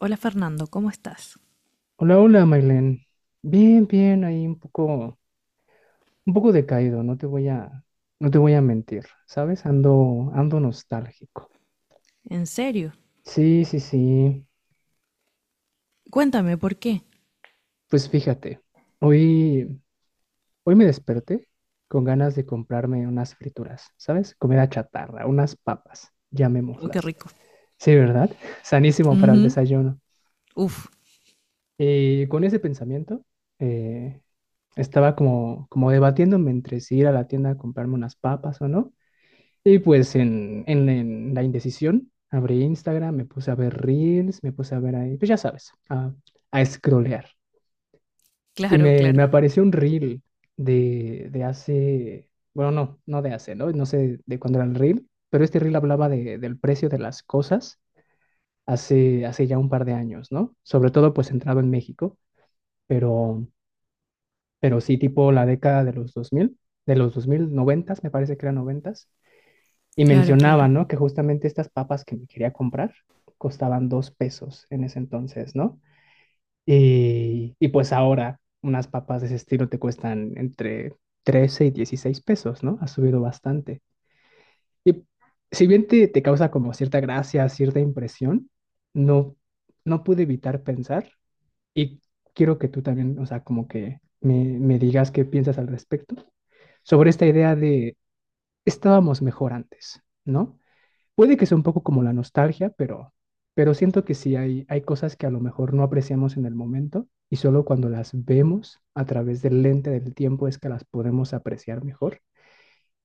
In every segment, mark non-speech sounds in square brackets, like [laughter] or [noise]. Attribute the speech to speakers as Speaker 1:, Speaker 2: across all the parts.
Speaker 1: Hola Fernando, ¿cómo estás?
Speaker 2: Hola, hola, Mailén. Bien, bien, ahí un poco decaído, no te voy a mentir, ¿sabes? Ando nostálgico.
Speaker 1: ¿En serio?
Speaker 2: Sí, sí, sí.
Speaker 1: Cuéntame, ¿por qué?
Speaker 2: Pues fíjate, hoy, hoy me desperté con ganas de comprarme unas frituras, ¿sabes? Comida chatarra, unas papas,
Speaker 1: Oh, qué
Speaker 2: llamémoslas.
Speaker 1: rico.
Speaker 2: Sí, ¿verdad? [laughs] Sanísimo para el
Speaker 1: Ujú.
Speaker 2: desayuno.
Speaker 1: Uf,
Speaker 2: Y con ese pensamiento, eh, estaba como debatiéndome entre si ir a la tienda a comprarme unas papas o no. Y pues en la indecisión, abrí Instagram, me puse a ver Reels, me puse a ver ahí, pues ya sabes, a scrollear. Y
Speaker 1: claro,
Speaker 2: me
Speaker 1: claro,
Speaker 2: apareció un Reel de hace, bueno, no, no de hace, ¿no? No sé de cuándo era el Reel, pero este Reel hablaba del precio de las cosas hace ya un par de años, ¿no? Sobre todo pues centrado en México, pero, pero sí tipo la década de los 2000, de los 2000, 90, me parece que eran 90. Y
Speaker 1: claro,
Speaker 2: mencionaba,
Speaker 1: claro.
Speaker 2: ¿no? Que justamente estas papas que me quería comprar costaban 2 pesos en ese entonces, ¿no? Y pues ahora unas papas de ese estilo te cuestan entre 13 y 16 pesos, ¿no? Ha subido bastante. Y si bien te causa como cierta gracia, cierta impresión, no, no pude evitar pensar y quiero que tú también, o sea, como que me digas qué piensas al respecto sobre esta idea de estábamos mejor antes, ¿no? Puede que sea un poco como la nostalgia, pero siento que sí hay cosas que a lo mejor no apreciamos en el momento y solo cuando las vemos a través del lente del tiempo es que las podemos apreciar mejor.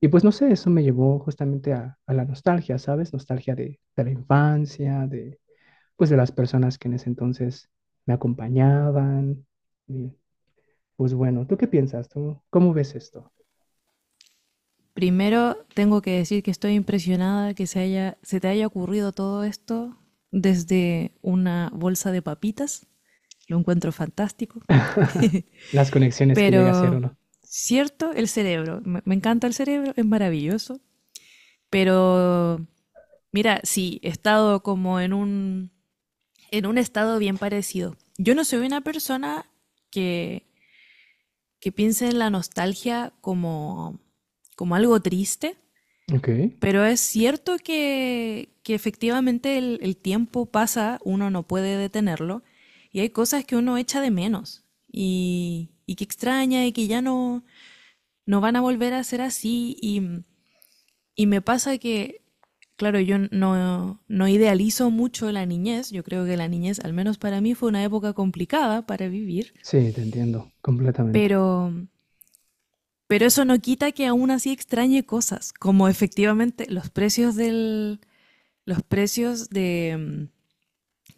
Speaker 2: Y pues no sé, eso me llevó justamente a la nostalgia, ¿sabes? Nostalgia de la infancia, pues de las personas que en ese entonces me acompañaban. Y, pues bueno, ¿tú qué piensas? ¿Tú cómo ves esto?
Speaker 1: Primero tengo que decir que estoy impresionada que se te haya ocurrido todo esto desde una bolsa de papitas. Lo encuentro fantástico.
Speaker 2: [laughs] Las conexiones que llega a ser
Speaker 1: Pero,
Speaker 2: uno.
Speaker 1: cierto, el cerebro. Me encanta el cerebro, es maravilloso. Pero, mira, sí, he estado como en un estado bien parecido. Yo no soy una persona que, que piense en la nostalgia como algo triste,
Speaker 2: Ok,
Speaker 1: pero es cierto que efectivamente el tiempo pasa, uno no puede detenerlo, y hay cosas que uno echa de menos y que extraña y que ya no van a volver a ser así. Y me pasa que claro, yo no idealizo mucho la niñez. Yo creo que la niñez, al menos para mí, fue una época complicada para vivir,
Speaker 2: sí, te entiendo completamente.
Speaker 1: pero, pero eso no quita que aún así extrañe cosas, como efectivamente los precios del, los precios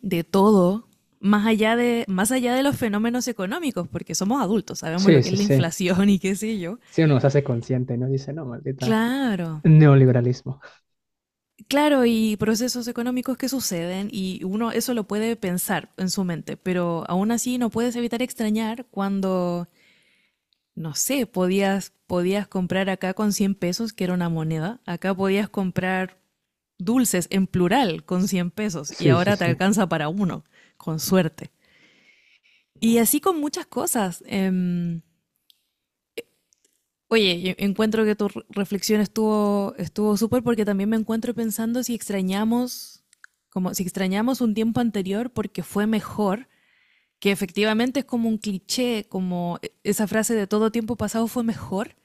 Speaker 1: de todo, más allá de los fenómenos económicos, porque somos adultos, sabemos lo
Speaker 2: Sí,
Speaker 1: que es
Speaker 2: sí,
Speaker 1: la
Speaker 2: sí.
Speaker 1: inflación y qué sé yo.
Speaker 2: Si uno se hace consciente, ¿no? Dice, no, maldita.
Speaker 1: Claro,
Speaker 2: Neoliberalismo.
Speaker 1: claro, y procesos económicos que suceden y uno eso lo puede pensar en su mente, pero aún así no puedes evitar extrañar cuando, no sé, podías comprar acá con 100 pesos, que era una moneda. Acá podías comprar dulces en plural con 100 pesos y
Speaker 2: Sí, sí,
Speaker 1: ahora te
Speaker 2: sí.
Speaker 1: alcanza para uno, con suerte. Y así con muchas cosas. Oye, yo encuentro que tu reflexión estuvo súper, porque también me encuentro pensando si extrañamos un tiempo anterior porque fue mejor, que efectivamente es como un cliché, como esa frase de todo tiempo pasado fue mejor,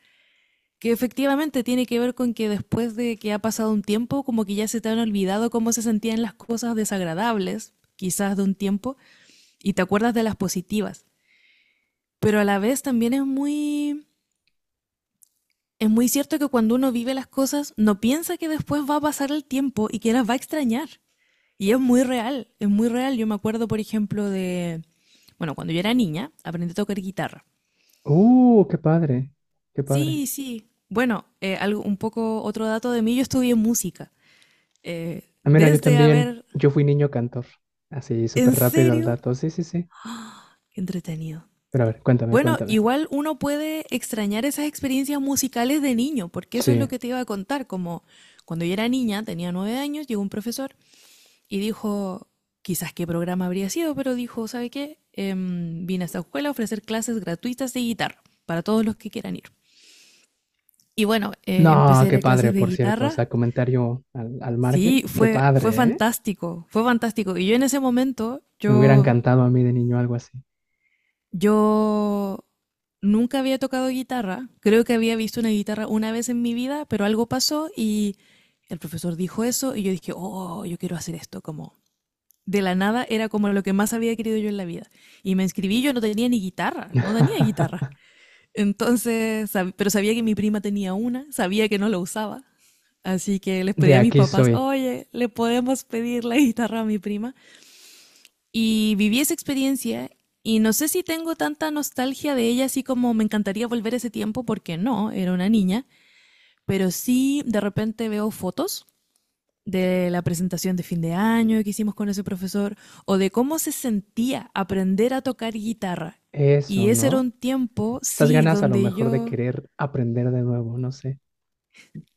Speaker 1: que efectivamente tiene que ver con que después de que ha pasado un tiempo, como que ya se te han olvidado cómo se sentían las cosas desagradables, quizás de un tiempo, y te acuerdas de las positivas. Pero a la vez también es muy cierto que cuando uno vive las cosas, no piensa que después va a pasar el tiempo y que las va a extrañar. Y es muy real, es muy real. Yo me acuerdo, por ejemplo, bueno, cuando yo era niña, aprendí a tocar guitarra.
Speaker 2: Qué padre. Qué padre.
Speaker 1: Sí, sí. Bueno, algo, un poco otro dato de mí, yo estudié música. Eh,
Speaker 2: Ah, mira, yo
Speaker 1: desde
Speaker 2: también.
Speaker 1: haber,
Speaker 2: Yo fui niño cantor. Así, súper
Speaker 1: ¿En
Speaker 2: rápido al
Speaker 1: serio?
Speaker 2: dato. Sí, sí, sí.
Speaker 1: Qué entretenido.
Speaker 2: Pero a ver, cuéntame,
Speaker 1: Bueno,
Speaker 2: cuéntame.
Speaker 1: igual uno puede extrañar esas experiencias musicales de niño, porque eso es lo
Speaker 2: Sí.
Speaker 1: que te iba a contar. Como cuando yo era niña, tenía 9 años, llegó un profesor y dijo, quizás qué programa habría sido, pero dijo, ¿sabe qué? Vine a esta escuela a ofrecer clases gratuitas de guitarra para todos los que quieran ir. Y bueno, empecé
Speaker 2: No,
Speaker 1: a ir
Speaker 2: qué
Speaker 1: a clases
Speaker 2: padre,
Speaker 1: de
Speaker 2: por cierto. O
Speaker 1: guitarra.
Speaker 2: sea, comentario al margen.
Speaker 1: Sí,
Speaker 2: Qué
Speaker 1: fue
Speaker 2: padre, ¿eh?
Speaker 1: fantástico, fue fantástico. Y yo en ese momento,
Speaker 2: Me hubiera encantado a mí de niño algo así.
Speaker 1: yo nunca había tocado guitarra. Creo que había visto una guitarra una vez en mi vida, pero algo pasó y el profesor dijo eso y yo dije, oh, yo quiero hacer esto, como de la nada era como lo que más había querido yo en la vida. Y me inscribí, yo no tenía ni guitarra, no tenía guitarra.
Speaker 2: [laughs]
Speaker 1: Entonces, pero sabía que mi prima tenía una, sabía que no la usaba. Así que les
Speaker 2: De
Speaker 1: pedí a mis
Speaker 2: aquí
Speaker 1: papás,
Speaker 2: soy.
Speaker 1: oye, le podemos pedir la guitarra a mi prima. Y viví esa experiencia y no sé si tengo tanta nostalgia de ella, así como me encantaría volver ese tiempo, porque no, era una niña, pero sí de repente veo fotos de la presentación de fin de año que hicimos con ese profesor, o de cómo se sentía aprender a tocar guitarra.
Speaker 2: Eso,
Speaker 1: Y ese era
Speaker 2: ¿no?
Speaker 1: un tiempo,
Speaker 2: Esas
Speaker 1: sí,
Speaker 2: ganas a lo
Speaker 1: donde
Speaker 2: mejor de
Speaker 1: yo,
Speaker 2: querer aprender de nuevo, no sé.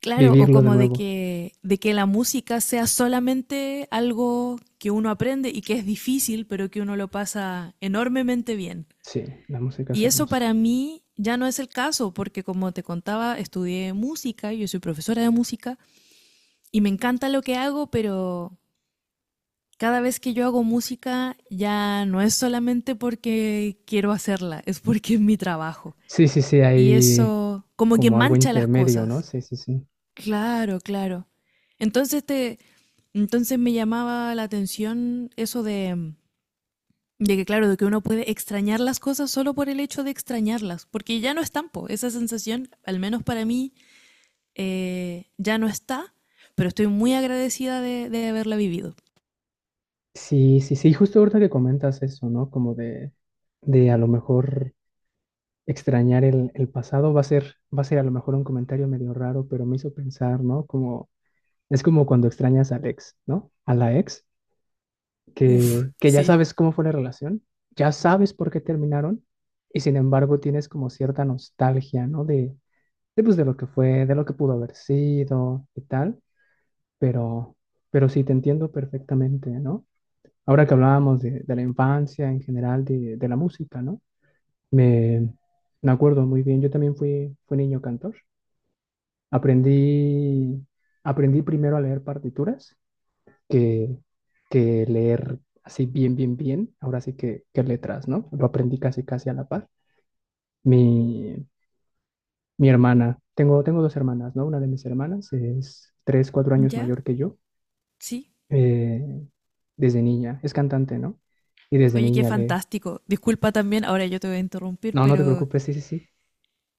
Speaker 1: claro, o
Speaker 2: Vivirlo de
Speaker 1: como
Speaker 2: nuevo.
Speaker 1: de que la música sea solamente algo que uno aprende y que es difícil, pero que uno lo pasa enormemente bien.
Speaker 2: Sí, la música es
Speaker 1: Y eso
Speaker 2: hermosa.
Speaker 1: para mí ya no es el caso, porque como te contaba, estudié música, yo soy profesora de música y me encanta lo que hago, pero cada vez que yo hago música ya no es solamente porque quiero hacerla, es porque es mi trabajo.
Speaker 2: Sí, sí, sí,
Speaker 1: Y
Speaker 2: hay
Speaker 1: eso como que
Speaker 2: como algo
Speaker 1: mancha las
Speaker 2: intermedio, ¿no?
Speaker 1: cosas.
Speaker 2: Sí, sí, sí.
Speaker 1: Claro, claro. Entonces te, entonces me llamaba la atención eso de que claro, de que uno puede extrañar las cosas solo por el hecho de extrañarlas, porque ya no están, po. Esa sensación, al menos para mí, ya no está, pero estoy muy agradecida de haberla vivido.
Speaker 2: Sí, sí, sí, justo ahorita que comentas eso, ¿no? Como de a lo mejor extrañar el pasado, va a ser a lo mejor un comentario medio raro, pero me hizo pensar, ¿no? Como, es como cuando extrañas al ex, ¿no? A la ex,
Speaker 1: Uf,
Speaker 2: que ya
Speaker 1: sí.
Speaker 2: sabes cómo fue la relación, ya sabes por qué terminaron, y sin embargo tienes como cierta nostalgia, ¿no? Pues, de lo que fue, de lo que pudo haber sido y tal. Pero, pero sí, te entiendo perfectamente, ¿no? Ahora que hablábamos de la infancia en general, de la música, ¿no? Me, me acuerdo muy bien, yo también fui niño cantor. Aprendí, aprendí primero a leer partituras que, que leer así bien, bien, bien. Ahora sí que letras, ¿no? Lo aprendí casi, casi a la par. Mi, mi hermana, tengo dos hermanas, ¿no? Una de mis hermanas es 3, 4 años
Speaker 1: ¿Ya?
Speaker 2: mayor que yo.
Speaker 1: Sí.
Speaker 2: Eh, Desde niña, es cantante, ¿no? Y desde
Speaker 1: Oye, qué
Speaker 2: niña
Speaker 1: fantástico. Disculpa también, ahora yo te voy a interrumpir,
Speaker 2: no, no te
Speaker 1: pero
Speaker 2: preocupes, sí, sí, sí,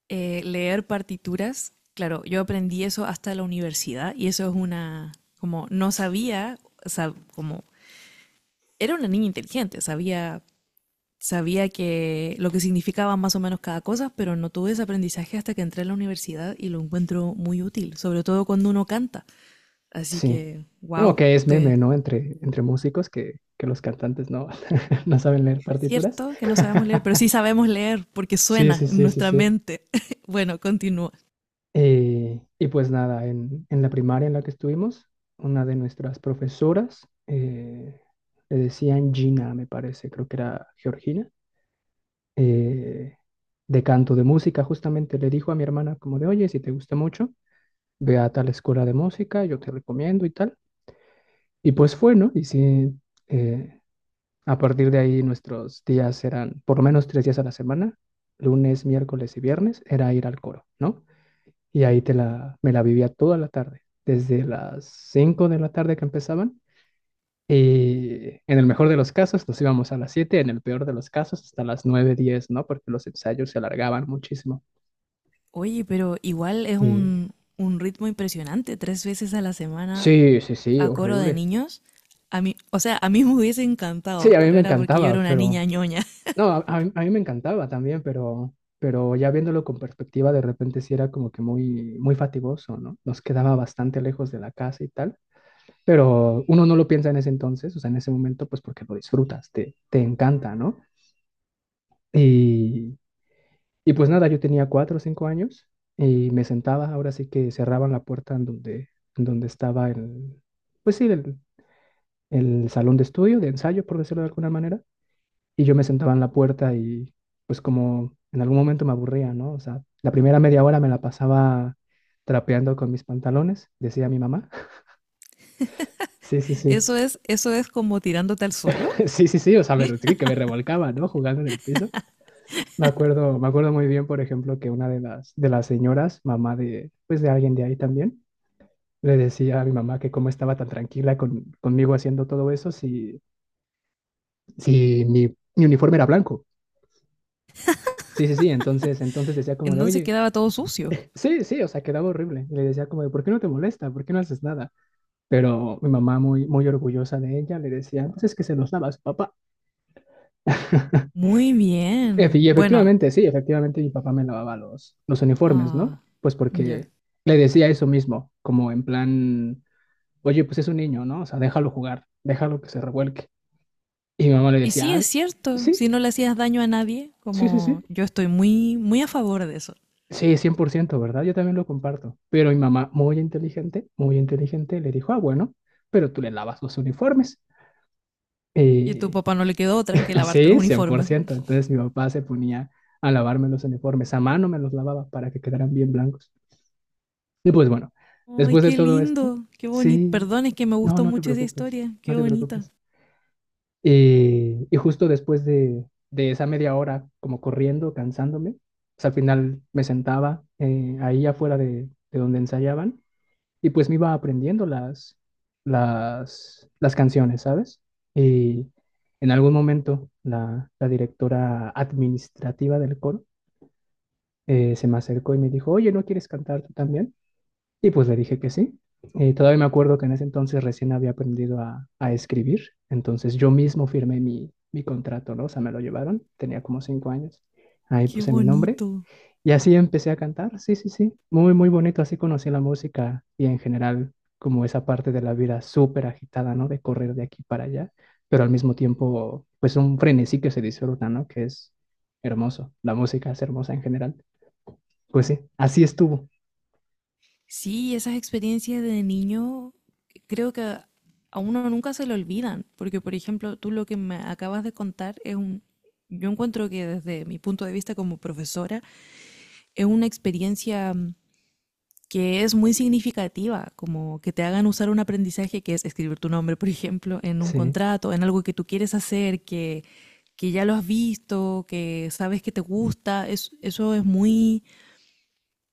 Speaker 1: leer partituras, claro, yo aprendí eso hasta la universidad y eso es una, como no sabía, o sea, como era una niña inteligente, sabía que lo que significaba más o menos cada cosa, pero no tuve ese aprendizaje hasta que entré a la universidad y lo encuentro muy útil, sobre todo cuando uno canta. Así
Speaker 2: sí.
Speaker 1: que,
Speaker 2: No,
Speaker 1: wow,
Speaker 2: que es
Speaker 1: te,
Speaker 2: meme, ¿no? Entre músicos que los cantantes no, [laughs] no saben leer partituras.
Speaker 1: cierto que no sabemos leer, pero sí
Speaker 2: [laughs]
Speaker 1: sabemos leer porque
Speaker 2: Sí,
Speaker 1: suena
Speaker 2: sí,
Speaker 1: en
Speaker 2: sí, sí,
Speaker 1: nuestra
Speaker 2: sí.
Speaker 1: mente. [laughs] Bueno, continúa.
Speaker 2: Y pues nada, en la primaria en la que estuvimos, una de nuestras profesoras, le decían Gina, me parece, creo que era Georgina, eh, de canto, de música, justamente le dijo a mi hermana como de, oye, si te gusta mucho, ve a tal escuela de música, yo te recomiendo y tal. Y pues fue, ¿no? Y sí, eh, a partir de ahí nuestros días eran por lo menos 3 días a la semana, lunes, miércoles y viernes, era ir al coro, ¿no? Y ahí me la vivía toda la tarde, desde las 5 de la tarde que empezaban. Y en el mejor de los casos nos íbamos a las 7, en el peor de los casos hasta las 9:10, ¿no? Porque los ensayos se alargaban muchísimo.
Speaker 1: Oye, pero igual es
Speaker 2: Y
Speaker 1: un ritmo impresionante, 3 veces a la semana
Speaker 2: sí, sí, sí,
Speaker 1: a coro de
Speaker 2: horrible.
Speaker 1: niños. A mí, o sea, a mí me hubiese
Speaker 2: Sí,
Speaker 1: encantado,
Speaker 2: a mí
Speaker 1: pero
Speaker 2: me
Speaker 1: era porque yo
Speaker 2: encantaba,
Speaker 1: era una niña
Speaker 2: pero
Speaker 1: ñoña. [laughs]
Speaker 2: no, a mí me encantaba también, pero ya viéndolo con perspectiva, de repente sí era como que muy, muy fatigoso, ¿no? Nos quedaba bastante lejos de la casa y tal, pero uno no lo piensa en ese entonces, o sea, en ese momento, pues porque lo disfrutas, te encanta, ¿no? Y, y pues nada, yo tenía 4 o 5 años y me sentaba, ahora sí que cerraban la puerta en donde, estaba el, pues sí, el salón de estudio, de ensayo, por decirlo de alguna manera, y yo me sentaba en la puerta y pues como en algún momento me aburría, ¿no? O sea, la primera media hora me la pasaba trapeando con mis pantalones, decía mi mamá. [laughs] Sí, sí, sí.
Speaker 1: Eso es como tirándote al suelo.
Speaker 2: [laughs] Sí, sí, sí, o sea, sí, que me revolcaba, ¿no? Jugando en el piso. Me acuerdo muy bien, por ejemplo, que una de las señoras, mamá pues de alguien de ahí también, le decía a mi mamá que cómo estaba tan tranquila conmigo haciendo todo eso si, mi uniforme era blanco. Sí, sí, sí, entonces decía como de,
Speaker 1: Entonces
Speaker 2: oye.
Speaker 1: quedaba todo sucio.
Speaker 2: Sí, sí, o sea, quedaba horrible. Le decía como de, ¿por qué no te molesta? ¿Por qué no haces nada? Pero mi mamá, muy, muy orgullosa de ella, le decía, pues es que se los lava a su papá. [laughs]
Speaker 1: Muy bien.
Speaker 2: Y
Speaker 1: Bueno,
Speaker 2: efectivamente, sí, efectivamente mi papá me lavaba los uniformes,
Speaker 1: ah,
Speaker 2: ¿no? Pues
Speaker 1: ya.
Speaker 2: porque le decía eso mismo, como en plan, oye, pues es un niño, ¿no? O sea, déjalo jugar, déjalo que se revuelque. Y mi mamá le
Speaker 1: Y sí,
Speaker 2: decía, ah,
Speaker 1: es cierto,
Speaker 2: sí,
Speaker 1: si no le hacías daño a nadie,
Speaker 2: sí, sí, sí.
Speaker 1: como yo estoy muy, muy a favor de eso.
Speaker 2: Sí, 100%, ¿verdad? Yo también lo comparto. Pero mi mamá, muy inteligente, le dijo, ah, bueno, pero tú le lavas los uniformes.
Speaker 1: Y a tu
Speaker 2: Eh,
Speaker 1: papá no le quedó otra que
Speaker 2: [laughs]
Speaker 1: lavarte los
Speaker 2: sí, cien por
Speaker 1: uniformes.
Speaker 2: ciento Entonces mi papá se ponía a lavarme los uniformes, a mano me los lavaba para que quedaran bien blancos. Y pues bueno,
Speaker 1: Ay,
Speaker 2: después de
Speaker 1: qué
Speaker 2: todo esto,
Speaker 1: lindo, qué bonito.
Speaker 2: sí,
Speaker 1: Perdón, es que me
Speaker 2: no,
Speaker 1: gustó
Speaker 2: no te
Speaker 1: mucho esa
Speaker 2: preocupes,
Speaker 1: historia.
Speaker 2: no
Speaker 1: Qué
Speaker 2: te
Speaker 1: bonita,
Speaker 2: preocupes. Y justo después de esa media hora, como corriendo, cansándome, pues al final me sentaba, ahí afuera de donde ensayaban, y pues me iba aprendiendo las canciones, ¿sabes? Y en algún momento la directora administrativa del coro, se me acercó y me dijo, oye, ¿no quieres cantar tú también? Y pues le dije que sí. Todavía me acuerdo que en ese entonces recién había aprendido a escribir, entonces yo mismo firmé mi contrato, ¿no? O sea, me lo llevaron, tenía como 5 años. Ahí
Speaker 1: qué
Speaker 2: puse mi nombre
Speaker 1: bonito.
Speaker 2: y así empecé a cantar, sí, sí, sí, muy, muy bonito, así conocí la música y en general como esa parte de la vida súper agitada, ¿no? De correr de aquí para allá, pero al mismo tiempo, pues un frenesí que se disfruta, ¿no? Que es hermoso, la música es hermosa en general. Pues sí, así estuvo,
Speaker 1: Sí, esas experiencias de niño creo que a uno nunca se le olvidan, porque por ejemplo, tú lo que me acabas de contar es un, yo encuentro que desde mi punto de vista como profesora es una experiencia que es muy significativa, como que te hagan usar un aprendizaje que es escribir tu nombre, por ejemplo, en un
Speaker 2: sí,
Speaker 1: contrato, en algo que tú quieres hacer, que ya lo has visto, que sabes que te gusta, es, eso es muy,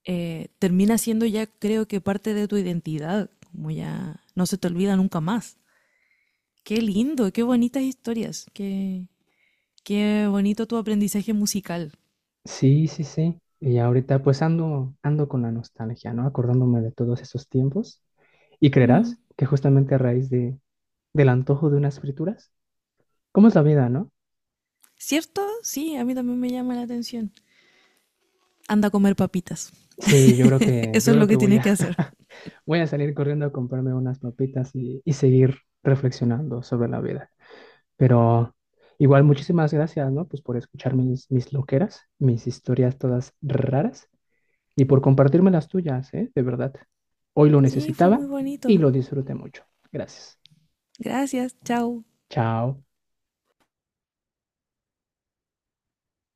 Speaker 1: termina siendo ya creo que parte de tu identidad, como ya no se te olvida nunca más. Qué lindo, qué bonitas historias, qué, qué bonito tu aprendizaje musical.
Speaker 2: sí, sí, sí. Y ahorita pues ando con la nostalgia, ¿no? Acordándome de todos esos tiempos. Y
Speaker 1: Mm.
Speaker 2: creerás que justamente a raíz del antojo de unas frituras, ¿cómo es la vida, no?
Speaker 1: ¿Cierto? Sí, a mí también me llama la atención. Anda a comer papitas.
Speaker 2: Sí, yo creo
Speaker 1: [laughs]
Speaker 2: que,
Speaker 1: Eso
Speaker 2: yo
Speaker 1: es
Speaker 2: creo
Speaker 1: lo
Speaker 2: que
Speaker 1: que
Speaker 2: voy
Speaker 1: tienes
Speaker 2: a,
Speaker 1: que hacer.
Speaker 2: [laughs] voy a salir corriendo a comprarme unas papitas y seguir reflexionando sobre la vida. Pero igual, muchísimas gracias, ¿no? Pues por escuchar mis loqueras, mis historias todas raras y por compartirme las tuyas, ¿eh? De verdad. Hoy lo
Speaker 1: Sí, fue
Speaker 2: necesitaba
Speaker 1: muy
Speaker 2: y
Speaker 1: bonito.
Speaker 2: lo disfruté mucho. Gracias.
Speaker 1: Gracias, chao.
Speaker 2: Chao.